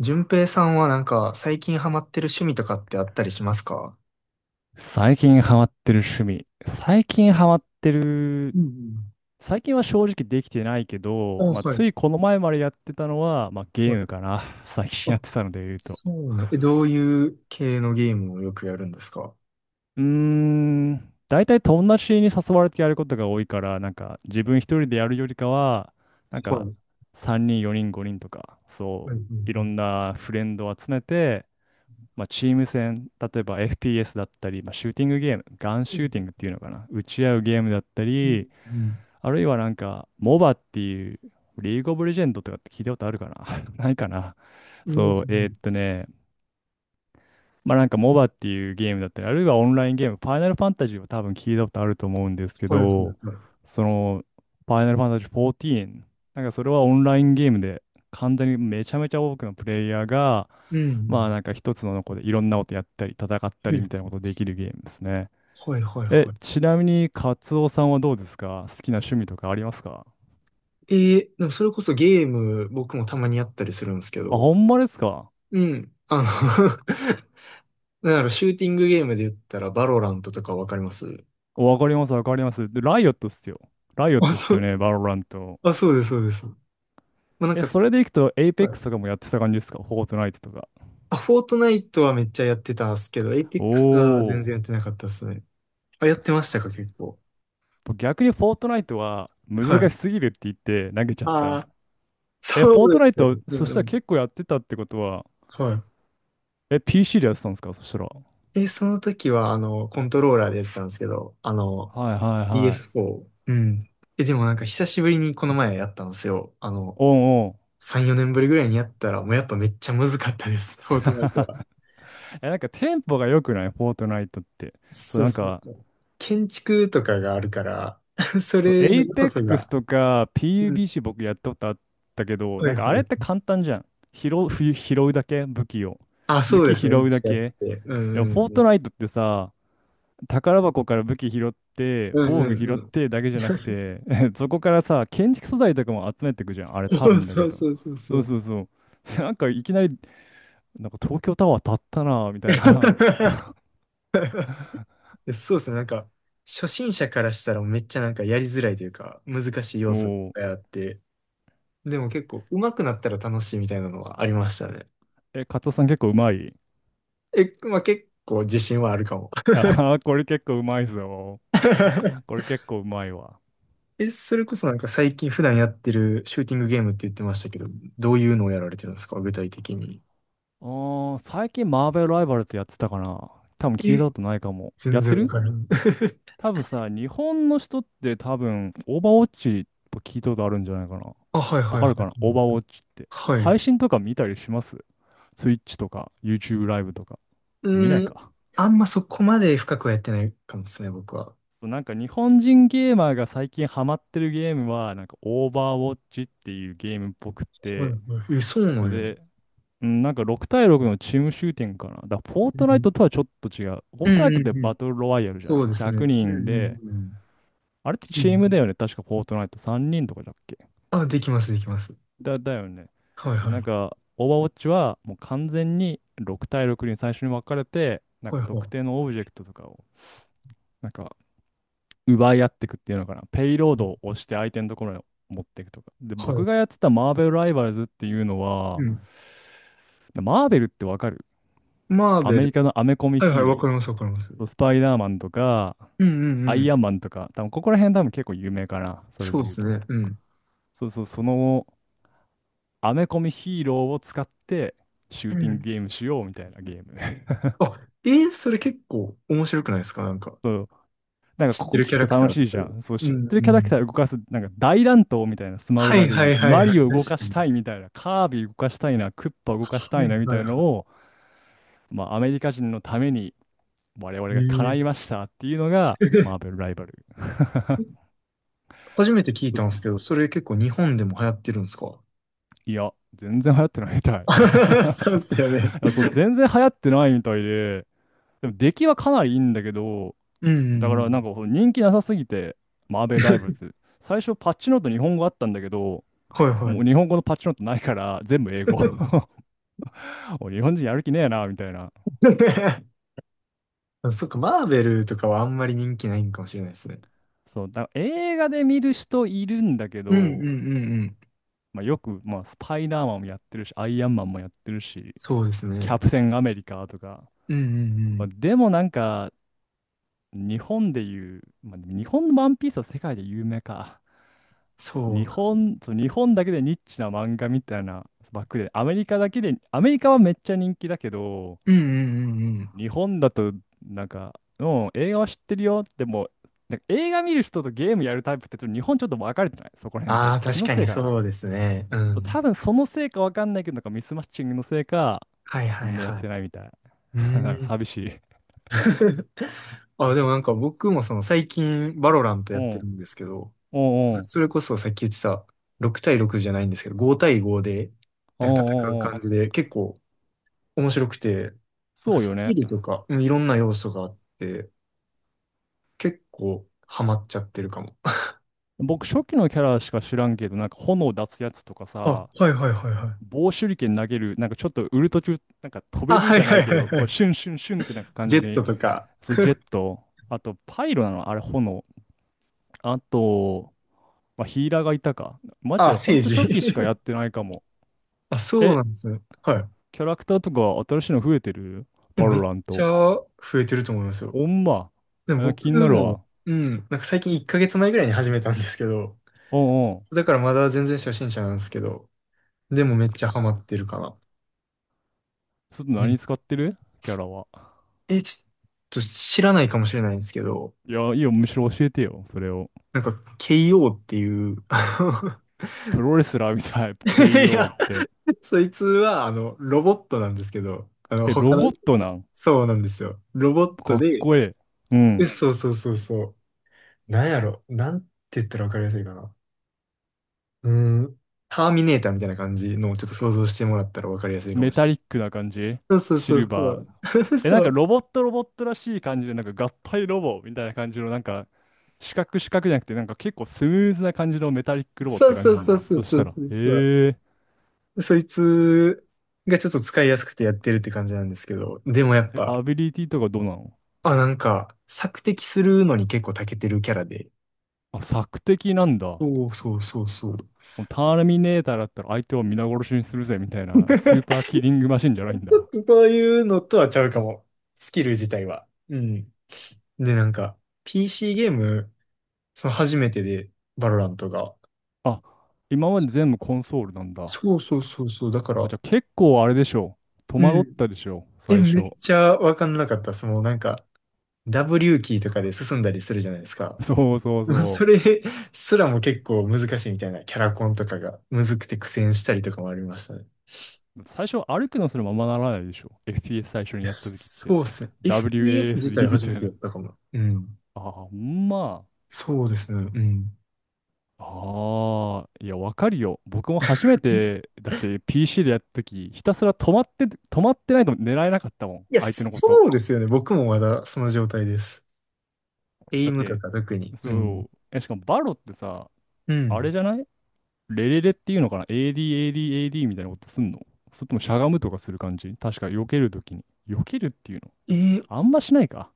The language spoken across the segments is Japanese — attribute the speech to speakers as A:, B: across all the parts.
A: 順平さんはなんか最近ハマってる趣味とかってあったりしますか？
B: 最近ハマってる趣味。最近ハマってる、
A: うん
B: 最近は正直できてないけ
A: う
B: ど、
A: ん。あ、
B: まあ、
A: はい、
B: ついこの前までやってたのは、まあ、ゲ
A: は
B: ー
A: い。
B: ムかな。最近や
A: あ、
B: ってたので言うと。
A: そうなん。え、どういう系のゲームをよくやるんですか？は
B: うーん、大体友達に誘われてやることが多いから、なんか自分一人でやるよりかは、なんか
A: い。
B: 3人、4人、5人とか、
A: は
B: そ
A: い。はい。
B: う、いろ
A: は
B: んなフレンドを集めて、まあ、チーム戦、例えば FPS だったり、まあ、シューティングゲーム、ガンシューティングって
A: い。
B: いうのかな、撃ち合うゲームだった
A: うん
B: り、
A: うん。
B: あるいはなんか、モバっていう、リーグオブレジェンドとかって聞いたことあるかな？ ないかな？
A: う
B: そう、
A: ん。
B: まあなんかモバっていうゲームだったり、あるいはオンラインゲーム、ファイナルファンタジーは多分聞いたことあると思うんですけ
A: はい。はい。はい
B: ど、その、ファイナルファンタジー14、なんかそれはオンラインゲームで、完全にめちゃめちゃ多くのプレイヤーが、
A: う
B: まあ
A: ん
B: なんか一つの子でいろんなことやったり、戦った
A: うん。い。
B: りみ
A: ね。
B: たいなことできるゲームですね。
A: はいはい
B: え、
A: はい。
B: ちなみに、カツオさんはどうですか？好きな趣味とかありますか？
A: えでもそれこそゲーム僕もたまにやったりするんですけ
B: あ、
A: ど、
B: ほんまですか？
A: うん。あの なんだろう、シューティングゲームで言ったらバロラントとかわかります？
B: わかります、わかります。で、ライオットっすよ。ライオッ
A: あ、
B: トっ
A: そ
B: すよ
A: う、
B: ね、バロラント。
A: あ、そうです、そうです。まあ、なん
B: え、
A: か
B: それでいくと、エイペッ
A: は
B: クス
A: い
B: とかもやってた感じですか？フォートナイトとか。
A: あ、フォートナイトはめっちゃやってたっすけど、エイペックスが全
B: お
A: 然や
B: ー。
A: ってなかったっすね。あ、やってましたか、結構。
B: 僕逆にフォートナイトは
A: は
B: 難し
A: い。
B: すぎるって言って投げちゃっ
A: あ
B: た。
A: あ、
B: え、フォ
A: そ
B: ー
A: う
B: ト
A: で
B: ナイ
A: すよ
B: ト、
A: ね。う
B: そ
A: ん
B: し
A: う
B: たら
A: ん。
B: 結構やってたってことは、
A: は
B: え、PC でやってたんですかそしたら。
A: い。え、その時は、あの、コントローラーでやってたんですけど、あの、
B: はいはいはい。
A: PS4。うん。え、でもなんか久しぶりにこの前やったんですよ。あの、
B: おんおん。
A: 3、4年ぶりぐらいにやったら、もうやっぱめっちゃ難かったです、フォートナイト は。
B: え、なんかテンポが良くないフォートナイトって。そう、
A: そう
B: なん
A: そう
B: か、
A: そう。建築とかがあるから、そ
B: そう、
A: れ
B: エ
A: の
B: イ
A: 要
B: ペッ
A: 素
B: クス
A: が、
B: とか
A: うん。
B: PUBC 僕やったことあったけど、
A: は
B: なん
A: いは
B: かあれって
A: い
B: 簡単じゃん。拾う、拾うだけ武器を。
A: あ、
B: 武
A: そうで
B: 器
A: す
B: 拾
A: ね。う
B: う
A: ち
B: だ
A: やっ
B: け。
A: て。うん
B: でも、
A: うん
B: フォー
A: う
B: ト
A: ん。
B: ナイトってさ、宝箱から武器拾って、
A: うん
B: 防具
A: う
B: 拾
A: ん
B: っ
A: うん。
B: てだけじゃなくて、そこからさ、建築素材とかも集めてくじゃん。あれ多 分だけ
A: そう
B: ど。
A: そうそうそ
B: そう
A: う。
B: そうそう。なんかいきなり、なんか東京タワー建ったなみたい な。
A: そうですね。なんか、初心者からしたらめっちゃなんかやりづらいというか、難し い
B: そ
A: 要素がいっぱい
B: う。
A: あって、でも結構上手くなったら楽しいみたいなのはありましたね。
B: え、加藤さん結構うまい？
A: え、まあ結構自信はあるかも。
B: あー、これ結構うまいぞ。こ れ結構うまいわ。
A: え、それこそなんか最近普段やってるシューティングゲームって言ってましたけど、どういうのをやられてるんですか、具体的に。
B: あー、最近マーベルライバルズやってたかな。多分聞い
A: え、
B: たことないかも。
A: 全
B: やって
A: 然わ
B: る？
A: からん。
B: 多分さ、日本の人って多分、オーバーウォッチ聞いたことあるんじゃないかな。
A: あ、はい
B: わ
A: はい
B: か
A: は
B: るか
A: い。
B: なオーバーウォッチって。
A: はい。
B: 配信とか見たりします？ Twitch とか YouTube ライブとか。見ない
A: うーん、
B: か。
A: あんまそこまで深くはやってないかもですね、僕は。
B: そうなんか日本人ゲーマーが最近ハマってるゲームは、なんかオーバーウォッチっていうゲームっぽくっ
A: はいは
B: て、
A: い。え、そうな
B: そ
A: んや。う
B: れ
A: ん
B: でうん、なんか6対6のチームシューティングかな。だからフォー
A: う
B: トナイ
A: ん。
B: トとはちょっと違う。フォ
A: う
B: ートナイ
A: んう
B: ト
A: ん
B: っ
A: う
B: て
A: んうん
B: バトルロワイヤルじゃ
A: そう
B: ない？
A: です
B: 100
A: ね。う
B: 人
A: んう
B: で、
A: ん
B: あれって
A: うん。う
B: チームだ
A: ん。
B: よね。確かフォートナイト3人とかだっけ？
A: あ、できます、できます。
B: だ、だよね。
A: はい
B: そう
A: は
B: なん
A: い。
B: か、オーバーウォッチはもう完全に6対6に最初に分かれて、なん
A: はい
B: か
A: は
B: 特
A: い。
B: 定のオブジェクトとかを、なんか奪い合っていくっていうのかな。ペイロードを押して相手のところに持っていくとか。で、
A: は
B: 僕
A: い。
B: がやってたマーベルライバルズっていうの
A: う
B: は、
A: ん。
B: マーベルってわかる？
A: マー
B: ア
A: ベ
B: メリ
A: ル。
B: カのアメコミ
A: はいはい、
B: ヒーロ
A: わか
B: ー。
A: ります、わかります。うん
B: そうスパイダーマンとか、
A: うんう
B: アイ
A: ん。
B: アンマンとか、多分ここら辺多分結構有名かな、それ
A: そう
B: で
A: で
B: 言う
A: す
B: と。
A: ね。うん。
B: そうそう、そのアメコミヒーローを使ってシュ
A: う
B: ーティング
A: ん。
B: ゲームしようみたいなゲーム。
A: あ、それ結構面白くないですか？なんか、
B: そう、なんか
A: 知っ
B: こ
A: て
B: こ
A: る
B: 聞
A: キャ
B: く
A: ラ
B: と
A: クタ
B: 楽
A: ー
B: し
A: と
B: い
A: か
B: じ
A: で。
B: ゃん。そう、
A: う
B: 知っ
A: ん
B: てるキ
A: う
B: ャラク
A: ん。
B: ター動かす、なんか大乱闘みたいな、スマブ
A: は
B: ラ
A: い
B: で
A: は
B: 言う。
A: いはい
B: マ
A: はい。
B: リ
A: 確
B: オ動か
A: か
B: し
A: に。
B: たいみたいな、カービィ動かしたいな、クッパ動かし
A: はい
B: たいなみた
A: は
B: い
A: い
B: なの
A: は
B: を、まあアメリカ人のために我々
A: い。
B: が叶いましたっていうのがマーベルライバル。
A: 初めて聞いたんですけど、それ結構日本でも流行ってるんですか？
B: いや、全然流行ってないみたい。い
A: そうっすよね。
B: やそう、全然流行ってないみたいで、でも出来はかなりいいんだけど、
A: うんう
B: だ
A: ん
B: か
A: う
B: らなん
A: ん。
B: かこう人気なさすぎて、マーベルライバルズ。最初パッチノート日本語あったんだけど、
A: はいは
B: も
A: い。
B: う日本語のパッチノートないから全部英語。もう日本人やる気ねえな、みたいな。
A: そっか、マーベルとかはあんまり人気ないんかもしれないですね。
B: そう、だから映画で見る人いるんだけ
A: うんうんう
B: ど、
A: んうん。
B: まあ、よく、まあ、スパイダーマンもやってるし、アイアンマンもやってるし、
A: そうです
B: キャ
A: ね。
B: プテンアメリカとか。
A: うんうんう
B: まあ、
A: ん。
B: でもなんか日本でいう、まあ、でも日本のワンピースは世界で有名か。
A: そ
B: 日
A: うか。
B: 本、そう、日本だけでニッチな漫画みたいな枠で、アメリカだけで、アメリカはめっちゃ人気だけど、
A: うんうんうんうん。
B: 日本だと、なんか、うん、映画は知ってるよ。でも、なんか映画見る人とゲームやるタイプって、ちょっと日本ちょっと分かれてない？そこら辺
A: あ
B: で。
A: あ、
B: 気
A: 確
B: の
A: か
B: せ
A: に
B: いかな。
A: そうですね。うん。
B: 多分そのせいか分かんないけど、なんかミスマッチングのせいか、
A: はいは
B: み
A: い
B: んなやっ
A: は
B: て
A: い。
B: ないみたい。
A: う
B: なんか
A: ーん。
B: 寂しい。
A: あ、でもなんか僕もその最近バロラント
B: う
A: やって
B: ん。
A: るんで
B: う
A: すけど、
B: んうん。
A: それこそさっき言ってた、6対6じゃないんですけど、5対5で、
B: うん
A: なんか戦う
B: うんう
A: 感じ
B: ん。
A: で、結構面白くて、なんか
B: そうよ
A: スキ
B: ね。
A: ルとか、うんいろんな要素があって、結構ハマっちゃってるかも。
B: 僕、初期のキャラしか知らんけど、なんか炎出すやつとか
A: あ、
B: さ、
A: はいはいはいはい。
B: 棒手裏剣投げる、なんかちょっとウルト中、なんか飛べ
A: あ、
B: る
A: は
B: じ
A: い
B: ゃな
A: はい
B: いけ
A: はい
B: ど、
A: は
B: こう
A: い。
B: シュンシュンシュンってなんか感
A: ジ
B: じ
A: ェット
B: に、
A: とか。
B: そう、ジェッ ト、あとパイロなの、あれ炎。あと、まあ、ヒーラーがいたか。マジ
A: あ、
B: でほ
A: セ
B: ん
A: ー
B: と
A: ジ。
B: 初期しかやっ てないかも。
A: あ、そう
B: え、
A: なんですね。はい。
B: キャラクターとか新しいの増えてる？
A: え
B: バ
A: め
B: ロ
A: っ
B: ラン
A: ちゃ
B: ト。
A: 増えてると思いますよ。
B: ほんま？
A: でも
B: あ、
A: 僕
B: 気になる
A: も、
B: わ。
A: うん、なんか最近1ヶ月前ぐらいに始めたんですけど、
B: うんうん。
A: だからまだ全然初心者なんですけど、でもめっちゃハマってるかな。
B: ちょっと
A: うん。
B: 何使ってる？キャラは。
A: え、ちょっと知らないかもしれないんですけど、
B: いや、いいよ、むしろ教えてよ、それを。
A: なんか、KO っていう、あの
B: プロレスラーみたい、
A: い
B: KO っ
A: や、
B: て。
A: そいつは、あの、ロボットなんですけど、あ の、
B: え、ロ
A: 他の、
B: ボットなん？
A: そうなんですよ。ロボッ
B: か
A: ト
B: っ
A: で、
B: こいい。う
A: え、
B: ん。
A: そうそうそうそう。なんやろ、なんて言ったらわかりやすいかな。うーん、ターミネーターみたいな感じのをちょっと想像してもらったらわかりやすいかも
B: メ
A: し
B: タリックな感じ？
A: れない。そう
B: シ
A: そ
B: ル
A: うそうそ
B: バー。
A: う。
B: え、なん
A: そ
B: か
A: う。
B: ロボットロボットらしい感じで、なんか合体ロボみたいな感じの、なんか、四角四角じゃなくて、なんか結構スムーズな感じのメタリックロボっ
A: そう
B: て感
A: そ
B: じ
A: う
B: なん
A: そう
B: だ。
A: そう
B: そしたら、
A: そうそう。
B: へえ。
A: そいつがちょっと使いやすくてやってるって感じなんですけど、でもやっ
B: え、
A: ぱ、
B: アビリティとかどうなの？
A: あ、なんか、索敵するのに結構長けてるキャラで。
B: あ、索敵なんだ。も
A: そうそうそうそう。
B: うターミネーターだったら相手を皆殺しにするぜみたいなスーパーキリングマシンじゃないん
A: ち
B: だ。
A: ょっとそういうのとはちゃうかも。スキル自体は。うん。で、なんか、PC ゲーム、その初めてで、バロラントが。
B: あ、今まで全部コンソールなんだ。
A: そうそうそうそう。だか
B: じ
A: ら、
B: ゃあ結構あれでしょう。戸
A: う
B: 惑っ
A: ん。
B: たでしょう。
A: え、
B: 最
A: め
B: 初。
A: っちゃわかんなかった。その、なんか、W キーとかで進んだりするじゃないですか。
B: そうそう
A: もう
B: そ
A: それすらも結構難しいみたいな、キャラコンとかがむずくて苦戦したりとかもありましたね。
B: う。最初歩くのすらままならないでしょ。FPS 最初
A: い
B: に
A: や
B: やった時って。
A: そうですね。FPS 自体
B: WASD み
A: 初
B: た
A: め
B: い
A: てやっ
B: な。
A: たかも。うん。
B: ああ、まあ。
A: そうですね。うん。
B: ああ、いや、わかるよ。僕も初めて、だって PC でやった時、ひたすら止まって、止まってないと狙えなかったもん。
A: いや、
B: 相手のこと。
A: そうですよね。僕もまだその状態です。エイ
B: だっ
A: ムと
B: て、
A: か特に。う
B: そ
A: ん。
B: う。え、しかもバロってさ、
A: う
B: あ
A: ん。
B: れじゃない？レレレっていうのかな？ ADADAD みたいなことすんの？それともしゃがむとかする感じ確か避けるときに。避けるっていうの、
A: えー、
B: あんましないか。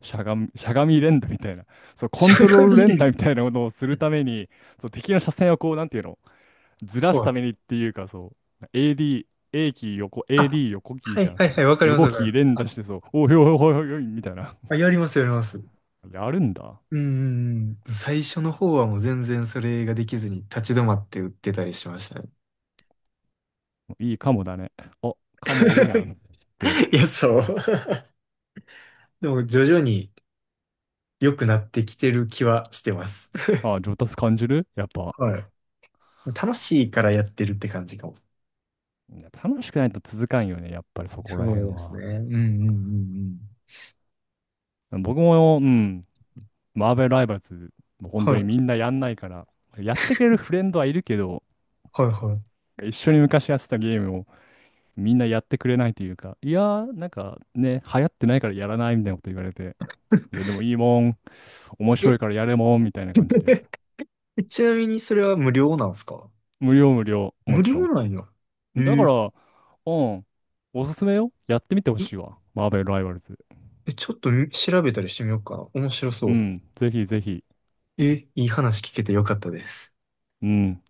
B: しゃがみ、しゃがみ連打みたいな。そう、コ
A: し
B: ン
A: ゃ
B: トロ
A: が
B: ール
A: み
B: 連
A: で。
B: 打みたいなことをする ために、そう、敵の車線をこう、なんていうの、ずら
A: ほ
B: すた
A: う。
B: めにっていうか、そう、AD、A キー横、
A: あ、
B: AD 横キー
A: は
B: じ
A: い
B: ゃん。
A: はい
B: そ
A: は
B: う、
A: い、わかります
B: 横
A: わかり
B: キー
A: ます。
B: 連打
A: あ、
B: して、そう、おいおいおいおいおい、みたいな。
A: あやりますやります。
B: やるんだ。
A: うんうんうん。最初の方はもう全然それができずに立ち止まって打ってたりしましたね。
B: いいかもだね。あ、カモおるやん。って、
A: いや、そう。でも、徐々に良くなってきてる気はしてます。
B: あ、上達感じるやっぱ？
A: はい。楽しいからやってるって感じかも。
B: いや楽しくないと続かんよね、やっぱりそこ
A: そ
B: ら
A: う
B: 辺
A: ですね。
B: は。
A: うんうんうんうん。
B: 僕も、うん、マーベルライバルズ、もう本
A: は
B: 当に
A: い、
B: みんなやんないから、やってくれるフレンドはいるけど、
A: はい、は
B: 一緒に昔やってたゲームをみんなやってくれないというか、いやー、なんかね、流行ってないからやらないみたいなこと言われて、いや、でもいいもん、面
A: い。
B: 白
A: え、
B: いからやれもん、みたいな感じで。
A: えちなみにそれは無料なんですか？
B: 無料無料、も
A: 無
B: ち
A: 料
B: ろ
A: なんや。え
B: ん。だか
A: ー、
B: ら、うん、おすすめよ。やってみてほしい
A: ん
B: わ。マーベルライバルズ。
A: え、ちょっと調べたりしてみようかな。面白そ
B: う
A: う。
B: ん、ぜひぜひ。
A: え、いい話聞けてよかったです。
B: うん。